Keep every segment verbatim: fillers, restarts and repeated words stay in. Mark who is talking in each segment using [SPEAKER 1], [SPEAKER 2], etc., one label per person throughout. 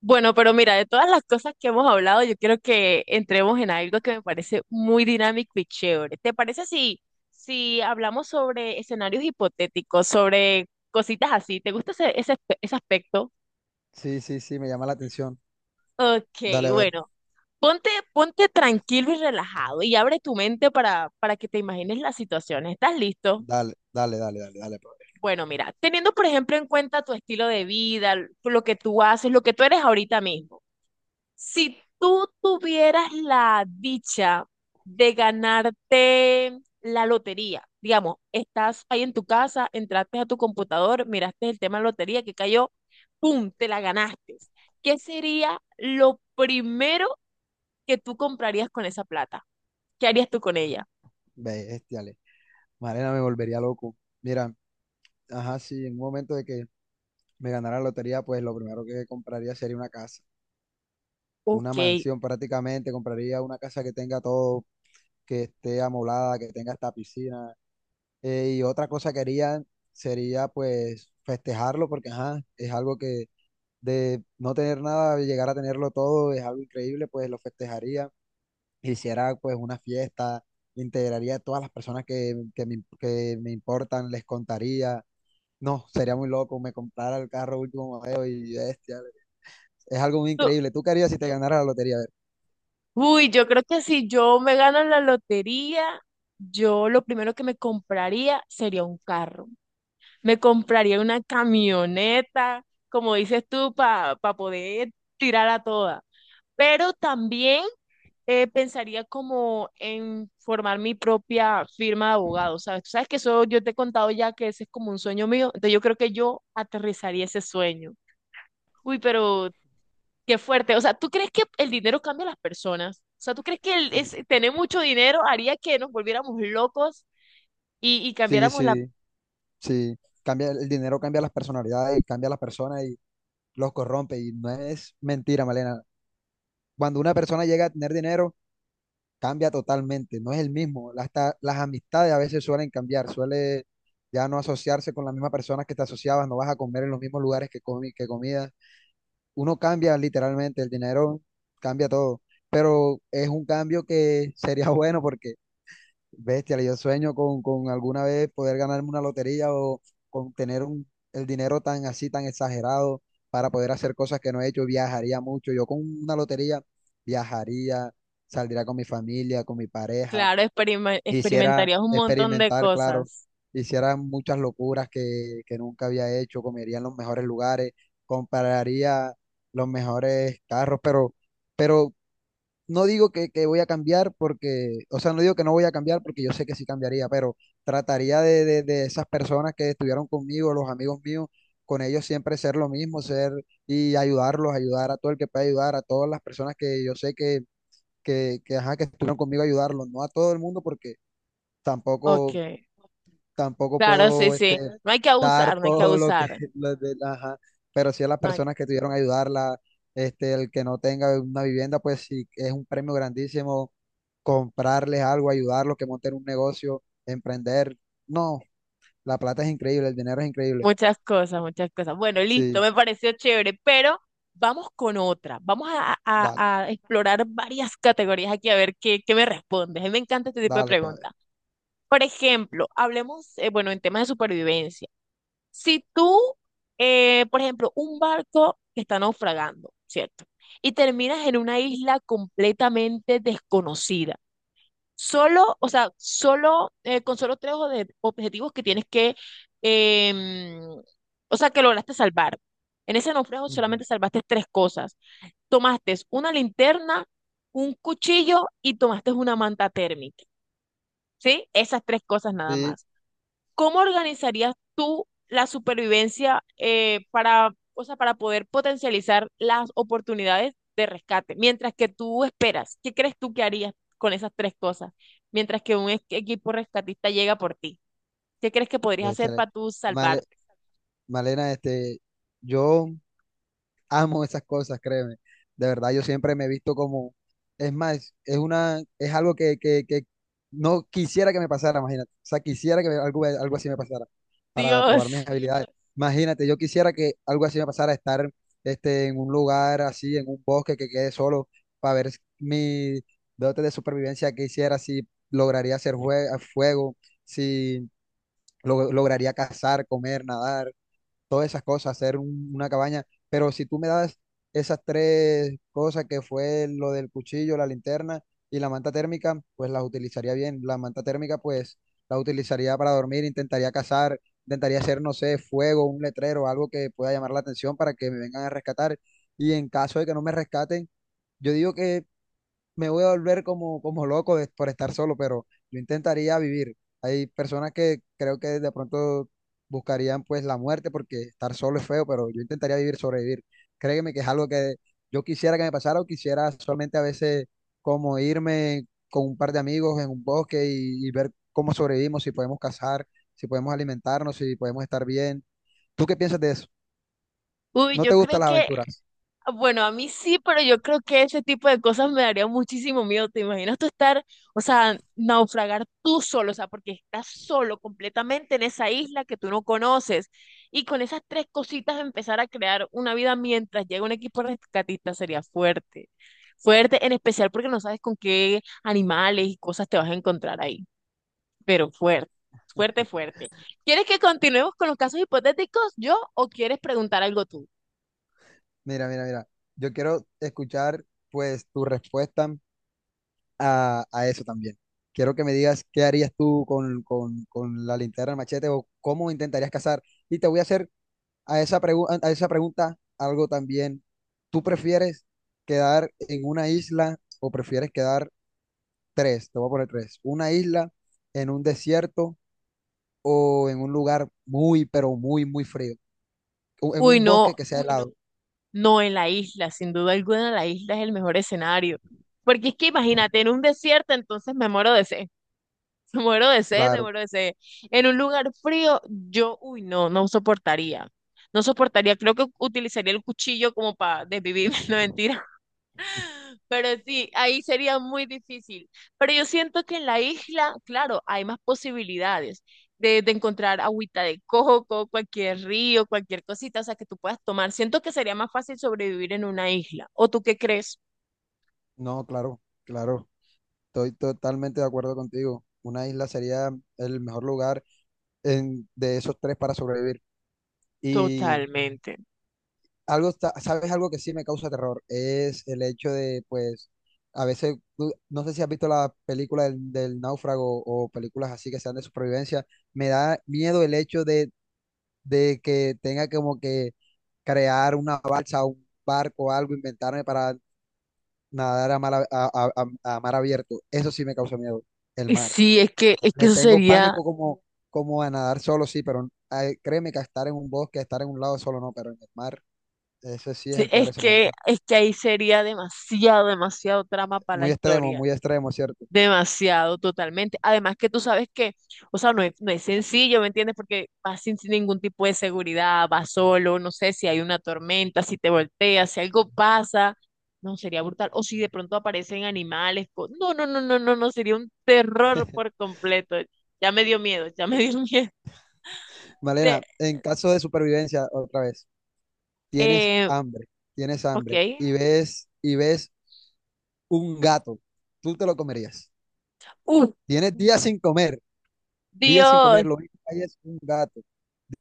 [SPEAKER 1] Bueno, pero mira, de todas las cosas que hemos hablado, yo quiero que entremos en algo que me parece muy dinámico y chévere. ¿Te parece si, si hablamos sobre escenarios hipotéticos, sobre cositas así? ¿Te gusta ese, ese, aspe- ese aspecto?
[SPEAKER 2] Sí, sí, sí, me llama la atención.
[SPEAKER 1] Ok,
[SPEAKER 2] Dale, a ver.
[SPEAKER 1] bueno, ponte, ponte tranquilo y relajado y abre tu mente para, para que te imagines la situación. ¿Estás listo?
[SPEAKER 2] Dale, dale, dale, dale, dale. Brother.
[SPEAKER 1] Bueno, mira, teniendo por ejemplo en cuenta tu estilo de vida, lo que tú haces, lo que tú eres ahorita mismo. Si tú tuvieras la dicha de ganarte la lotería, digamos, estás ahí en tu casa, entraste a tu computador, miraste el tema de lotería que cayó, ¡pum!, te la ganaste. ¿Qué sería lo primero que tú comprarías con esa plata? ¿Qué harías tú con ella?
[SPEAKER 2] Bestiale. Mariana me volvería loco. Mira, ajá, sí, en un momento de que me ganara la lotería, pues lo primero que compraría sería una casa, una
[SPEAKER 1] Ok.
[SPEAKER 2] mansión prácticamente. Compraría una casa que tenga todo, que esté amoblada, que tenga hasta piscina. Eh, y otra cosa que haría sería, pues, festejarlo, porque, ajá, es algo que de no tener nada, llegar a tenerlo todo, es algo increíble, pues lo festejaría, hiciera pues una fiesta, integraría a todas las personas que, que me, que me importan, les contaría. No, sería muy loco, me comprara el carro último modelo y bestia. Es algo muy
[SPEAKER 1] tú-
[SPEAKER 2] increíble. ¿Tú qué harías si te ganara la lotería? A ver.
[SPEAKER 1] Uy, yo creo que si yo me gano la lotería, yo lo primero que me compraría sería un carro. Me compraría una camioneta, como dices tú, para poder tirar a toda. Pero también eh, pensaría como en formar mi propia firma de abogado, ¿sabes? Tú sabes que eso yo te he contado ya que ese es como un sueño mío, entonces yo creo que yo aterrizaría ese sueño. Uy, pero qué fuerte. O sea, ¿tú crees que el dinero cambia a las personas? O sea, ¿tú crees que el, es- tener mucho dinero haría que nos volviéramos locos y, y
[SPEAKER 2] Sí,
[SPEAKER 1] cambiáramos la...
[SPEAKER 2] sí, sí, sí. Cambia, el dinero cambia las personalidades, cambia a las personas y los corrompe. Y no es mentira, Malena. Cuando una persona llega a tener dinero, cambia totalmente, no es el mismo. Hasta las amistades a veces suelen cambiar, suele ya no asociarse con las mismas personas que te asociabas, no vas a comer en los mismos lugares que, comi que comías. Uno cambia literalmente, el dinero cambia todo, pero es un cambio que sería bueno porque bestia, yo sueño con, con alguna vez poder ganarme una lotería o con tener un, el dinero tan así, tan exagerado para poder hacer cosas que no he hecho. Viajaría mucho. Yo con una lotería viajaría, saldría con mi familia, con mi pareja.
[SPEAKER 1] Claro, experima-
[SPEAKER 2] Hiciera
[SPEAKER 1] experimentarías un montón de
[SPEAKER 2] experimentar, claro.
[SPEAKER 1] cosas.
[SPEAKER 2] Hiciera muchas locuras que, que nunca había hecho. Comería en los mejores lugares, compraría los mejores carros, pero, pero no digo que, que voy a cambiar porque, o sea, no digo que no voy a cambiar porque yo sé que sí cambiaría, pero trataría de, de, de esas personas que estuvieron conmigo, los amigos míos, con ellos siempre ser lo mismo, ser y ayudarlos, ayudar a todo el que pueda ayudar, a todas las personas que yo sé que, que, que, ajá, que estuvieron conmigo, ayudarlos, no a todo el mundo porque tampoco
[SPEAKER 1] Ok,
[SPEAKER 2] tampoco
[SPEAKER 1] claro, sí,
[SPEAKER 2] puedo este,
[SPEAKER 1] sí. No hay que
[SPEAKER 2] dar
[SPEAKER 1] abusar, no hay que
[SPEAKER 2] todo lo que,
[SPEAKER 1] abusar.
[SPEAKER 2] lo de- ajá, pero sí a las
[SPEAKER 1] No hay...
[SPEAKER 2] personas que tuvieron que ayudarla, este, el que no tenga una vivienda, pues sí, es un premio grandísimo comprarles algo, ayudarlos, que monten un negocio, emprender. No, la plata es increíble, el dinero es increíble.
[SPEAKER 1] Muchas cosas, muchas cosas. Bueno, listo,
[SPEAKER 2] Sí,
[SPEAKER 1] me pareció chévere, pero vamos con otra. Vamos a, a-
[SPEAKER 2] dale,
[SPEAKER 1] a explorar varias categorías aquí a ver qué, qué me respondes. A mí me encanta este tipo de
[SPEAKER 2] dale, padre.
[SPEAKER 1] preguntas. Por ejemplo, hablemos, eh, bueno, en temas de supervivencia. Si tú, eh, por ejemplo, un barco que está naufragando, ¿cierto? Y terminas en una isla completamente desconocida. Solo, o sea, solo, eh, con solo tres o objetivos que tienes que, em, o sea, que lograste salvar. En ese naufragio
[SPEAKER 2] Ujú.
[SPEAKER 1] solamente salvaste tres cosas. Tomaste una linterna, un cuchillo y tomaste una manta térmica, ¿sí? Esas tres cosas nada
[SPEAKER 2] Sí,
[SPEAKER 1] más. ¿Cómo organizarías tú la supervivencia eh, para, o sea, para poder potencializar las oportunidades de rescate mientras que tú esperas? ¿Qué crees tú que harías con esas tres cosas mientras que un equ- equipo rescatista llega por ti? ¿Qué crees que podrías hacer
[SPEAKER 2] bestia.
[SPEAKER 1] para tú
[SPEAKER 2] Male-
[SPEAKER 1] salvarte?
[SPEAKER 2] Malena, este, yo amo esas cosas, créeme. De verdad, yo siempre me he visto como, es más, es una, es algo que, que, que no quisiera que me pasara, imagínate. O sea, quisiera que me- algo, algo así me pasara para probar mis
[SPEAKER 1] Dios,
[SPEAKER 2] habilidades. Imagínate, yo quisiera que algo así me pasara, estar este, en un lugar así, en un bosque que quede solo, para ver mi dote de supervivencia que hiciera, si lograría hacer jue- fuego, si lo- lograría cazar, comer, nadar todas esas cosas, hacer un- una cabaña. Pero si tú me das esas tres cosas que fue lo del cuchillo, la linterna y la manta térmica, pues las utilizaría bien. La manta térmica, pues la utilizaría para dormir, intentaría cazar, intentaría hacer, no sé, fuego, un letrero, algo que pueda llamar la atención para que me vengan a rescatar. Y en caso de que no me rescaten, yo digo que me voy a volver como, como loco de- por estar solo, pero yo intentaría vivir. Hay personas que creo que de pronto buscarían pues la muerte porque estar solo es feo, pero yo intentaría vivir, sobrevivir. Créeme que es algo que yo quisiera que me pasara o quisiera solamente a veces como irme con un par de amigos en un bosque y, y ver cómo sobrevivimos, si podemos cazar, si podemos alimentarnos, si podemos estar bien. ¿Tú qué piensas de eso?
[SPEAKER 1] uy,
[SPEAKER 2] ¿No te
[SPEAKER 1] yo creo
[SPEAKER 2] gustan las
[SPEAKER 1] que
[SPEAKER 2] aventuras?
[SPEAKER 1] bueno, a mí sí, pero yo creo que ese tipo de cosas me daría muchísimo miedo. ¿Te imaginas tú estar, o sea, naufragar tú solo, o sea, porque estás solo completamente en esa isla que tú no conoces y con esas tres cositas empezar a crear una vida mientras llega un equipo rescatista sería fuerte. Fuerte, en especial porque no sabes con qué animales y cosas te vas a encontrar ahí, pero fuerte, fuerte, fuerte. ¿Quieres que continuemos con los casos hipotéticos yo o quieres preguntar algo tú?
[SPEAKER 2] Mira, mira, mira. Yo quiero escuchar pues tu respuesta a, a eso también. Quiero que me digas qué harías tú con, con, con la linterna, el machete o cómo intentarías cazar. Y te voy a hacer a esa, pregu- a esa pregunta algo también. ¿Tú prefieres quedar en una isla o prefieres quedar tres? Te voy a poner tres. Una isla, en un desierto o en un lugar muy, pero muy, muy frío. O en
[SPEAKER 1] Uy,
[SPEAKER 2] un bosque
[SPEAKER 1] no,
[SPEAKER 2] que sea muy helado.
[SPEAKER 1] no, en la isla, sin duda alguna, la isla es el mejor escenario. Porque es que imagínate, en un desierto, entonces me muero de sed, me muero de sed, me
[SPEAKER 2] Claro,
[SPEAKER 1] muero de sed. En un lugar frío, yo, uy, no, no soportaría. No soportaría, creo que utilizaría el cuchillo como para desvivirme, no mentira. Pero sí, ahí sería muy difícil. Pero yo siento que en la isla, claro, hay más posibilidades de, de encontrar agüita de coco, cualquier río, cualquier cosita, o sea, que tú puedas tomar. Siento que sería más fácil sobrevivir en una isla. ¿O tú qué crees?
[SPEAKER 2] no, claro, claro. Estoy totalmente de acuerdo contigo. Una isla sería el mejor lugar en- de esos tres para sobrevivir. Y
[SPEAKER 1] Totalmente.
[SPEAKER 2] algo, está- ¿sabes algo que sí me causa terror? Es el hecho de, pues, a veces, tú- no sé si has visto la película del, del náufrago o películas así que sean de supervivencia, me da miedo el hecho de, de, que tenga como que crear una balsa, un barco, algo, inventarme para nadar a mar, a a- a- a mar abierto. Eso sí me causa miedo, el
[SPEAKER 1] Y
[SPEAKER 2] mar.
[SPEAKER 1] sí, es que, es que
[SPEAKER 2] Le
[SPEAKER 1] eso
[SPEAKER 2] tengo
[SPEAKER 1] sería,
[SPEAKER 2] pánico como, como a nadar solo, sí, pero ay, créeme que a estar en un bosque, a estar en un lado solo no, pero en el mar, ese sí es
[SPEAKER 1] sí,
[SPEAKER 2] el peor
[SPEAKER 1] es
[SPEAKER 2] escenario.
[SPEAKER 1] que,
[SPEAKER 2] Claro.
[SPEAKER 1] es que ahí sería demasiado, demasiado trama para la
[SPEAKER 2] Muy extremo,
[SPEAKER 1] historia.
[SPEAKER 2] muy extremo, ¿cierto?
[SPEAKER 1] Demasiado, totalmente. Además que tú sabes que, o sea, no es, no es sencillo, ¿me entiendes? Porque vas sin, sin ningún tipo de seguridad, vas solo, no sé si hay una tormenta, si te volteas, si algo pasa, no, sería brutal. O si de pronto aparecen animales, co- no, no, no, no, no, no, sería un terror por completo. Ya me dio miedo, ya me dio miedo. Te-
[SPEAKER 2] Malena, en caso de supervivencia, otra vez, tienes
[SPEAKER 1] eh,
[SPEAKER 2] hambre, tienes
[SPEAKER 1] ok.
[SPEAKER 2] hambre y ves, y ves un gato, tú te lo comerías.
[SPEAKER 1] Uf,
[SPEAKER 2] Tienes días sin comer, días sin
[SPEAKER 1] Dios.
[SPEAKER 2] comer, lo único que hay es un gato.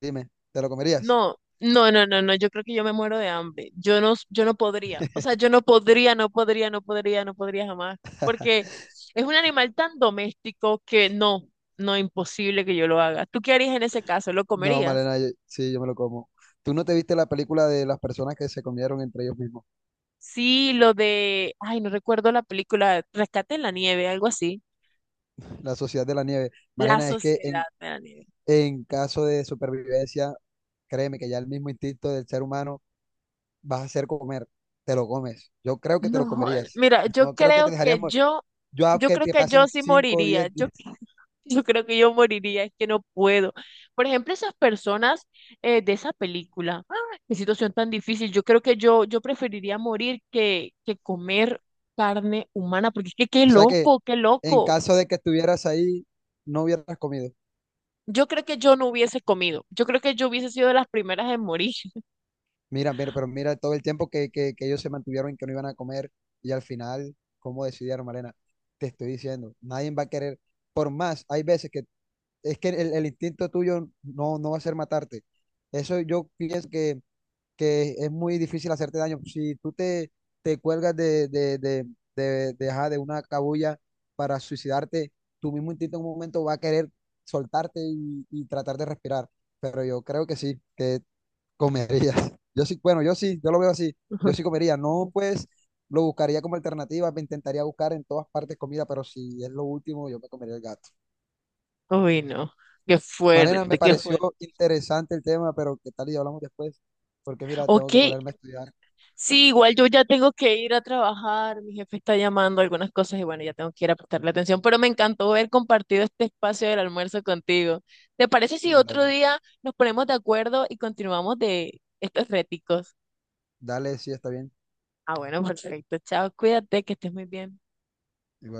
[SPEAKER 2] Dime, ¿te lo comerías?
[SPEAKER 1] No, no, no, no, no, yo creo que yo me muero de hambre. Yo no, yo no podría. O sea, yo no podría, no podría, no podría, no podría jamás. Porque es un animal tan doméstico que no, no, imposible que yo lo haga. ¿Tú qué harías en ese caso? ¿Lo
[SPEAKER 2] No,
[SPEAKER 1] comerías?
[SPEAKER 2] Malena, yo- sí, yo me lo como. ¿Tú no te viste la película de las personas que se comieron entre ellos mismos?
[SPEAKER 1] Sí, lo de, ay, no recuerdo la película, Rescate en la Nieve, algo así.
[SPEAKER 2] La Sociedad de la Nieve.
[SPEAKER 1] La
[SPEAKER 2] Malena, es que
[SPEAKER 1] Sociedad
[SPEAKER 2] en,
[SPEAKER 1] de la Nieve.
[SPEAKER 2] en caso de supervivencia, créeme que ya el mismo instinto del ser humano vas a hacer comer. Te lo comes. Yo creo que te lo
[SPEAKER 1] No,
[SPEAKER 2] comerías.
[SPEAKER 1] mira, yo
[SPEAKER 2] No creo que te
[SPEAKER 1] creo
[SPEAKER 2] dejarías
[SPEAKER 1] que
[SPEAKER 2] morir.
[SPEAKER 1] yo,
[SPEAKER 2] Yo a
[SPEAKER 1] yo
[SPEAKER 2] que
[SPEAKER 1] creo
[SPEAKER 2] te
[SPEAKER 1] que yo
[SPEAKER 2] pasen
[SPEAKER 1] sí
[SPEAKER 2] cinco o
[SPEAKER 1] moriría.
[SPEAKER 2] diez
[SPEAKER 1] Yo,
[SPEAKER 2] días.
[SPEAKER 1] cre- yo creo que yo moriría, es que no puedo. Por ejemplo, esas personas eh, de esa película, ¡ah! Qué situación tan difícil. Yo creo que yo, yo preferiría morir que, que comer carne humana, porque es que qué
[SPEAKER 2] O sea que
[SPEAKER 1] loco, qué
[SPEAKER 2] en
[SPEAKER 1] loco.
[SPEAKER 2] caso de que estuvieras ahí, no hubieras comido.
[SPEAKER 1] Yo creo que yo no hubiese comido. Yo creo que yo hubiese sido de las primeras en morir.
[SPEAKER 2] Mira, mira, pero mira todo el tiempo que, que, que ellos se mantuvieron en que no iban a comer y al final, ¿cómo decidieron, Malena? Te estoy diciendo, nadie va a querer. Por más, hay veces que es que el, el instinto tuyo no, no va a ser matarte. Eso yo pienso que, que es muy difícil hacerte daño. Si tú te, te cuelgas de, de, de, de, de, ajá, de una cabulla para suicidarte, tu mismo instinto en un momento va a querer soltarte y, y tratar de respirar. Pero yo creo que sí, que comerías. Yo sí, bueno, yo sí, yo lo veo así. Yo sí comería. No, pues lo buscaría como alternativa, me intentaría buscar en todas partes comida, pero si es lo último, yo me comería el gato.
[SPEAKER 1] Uy, no. Qué
[SPEAKER 2] Marena, me
[SPEAKER 1] fuerte, qué
[SPEAKER 2] pareció
[SPEAKER 1] fuerte.
[SPEAKER 2] interesante el tema, pero ¿qué tal y hablamos después? Porque mira, tengo
[SPEAKER 1] Ok,
[SPEAKER 2] que ponerme a estudiar.
[SPEAKER 1] sí, igual yo ya tengo que ir a trabajar, mi jefe está llamando algunas cosas y bueno, ya tengo que ir a prestarle atención, pero me encantó haber compartido este espacio del almuerzo contigo. ¿Te parece si otro
[SPEAKER 2] Dale,
[SPEAKER 1] día nos ponemos de acuerdo y continuamos de estos réticos?
[SPEAKER 2] dale, sí, está bien.
[SPEAKER 1] Ah, bueno, perfecto. Chao, cuídate, que estés muy bien.
[SPEAKER 2] Igual.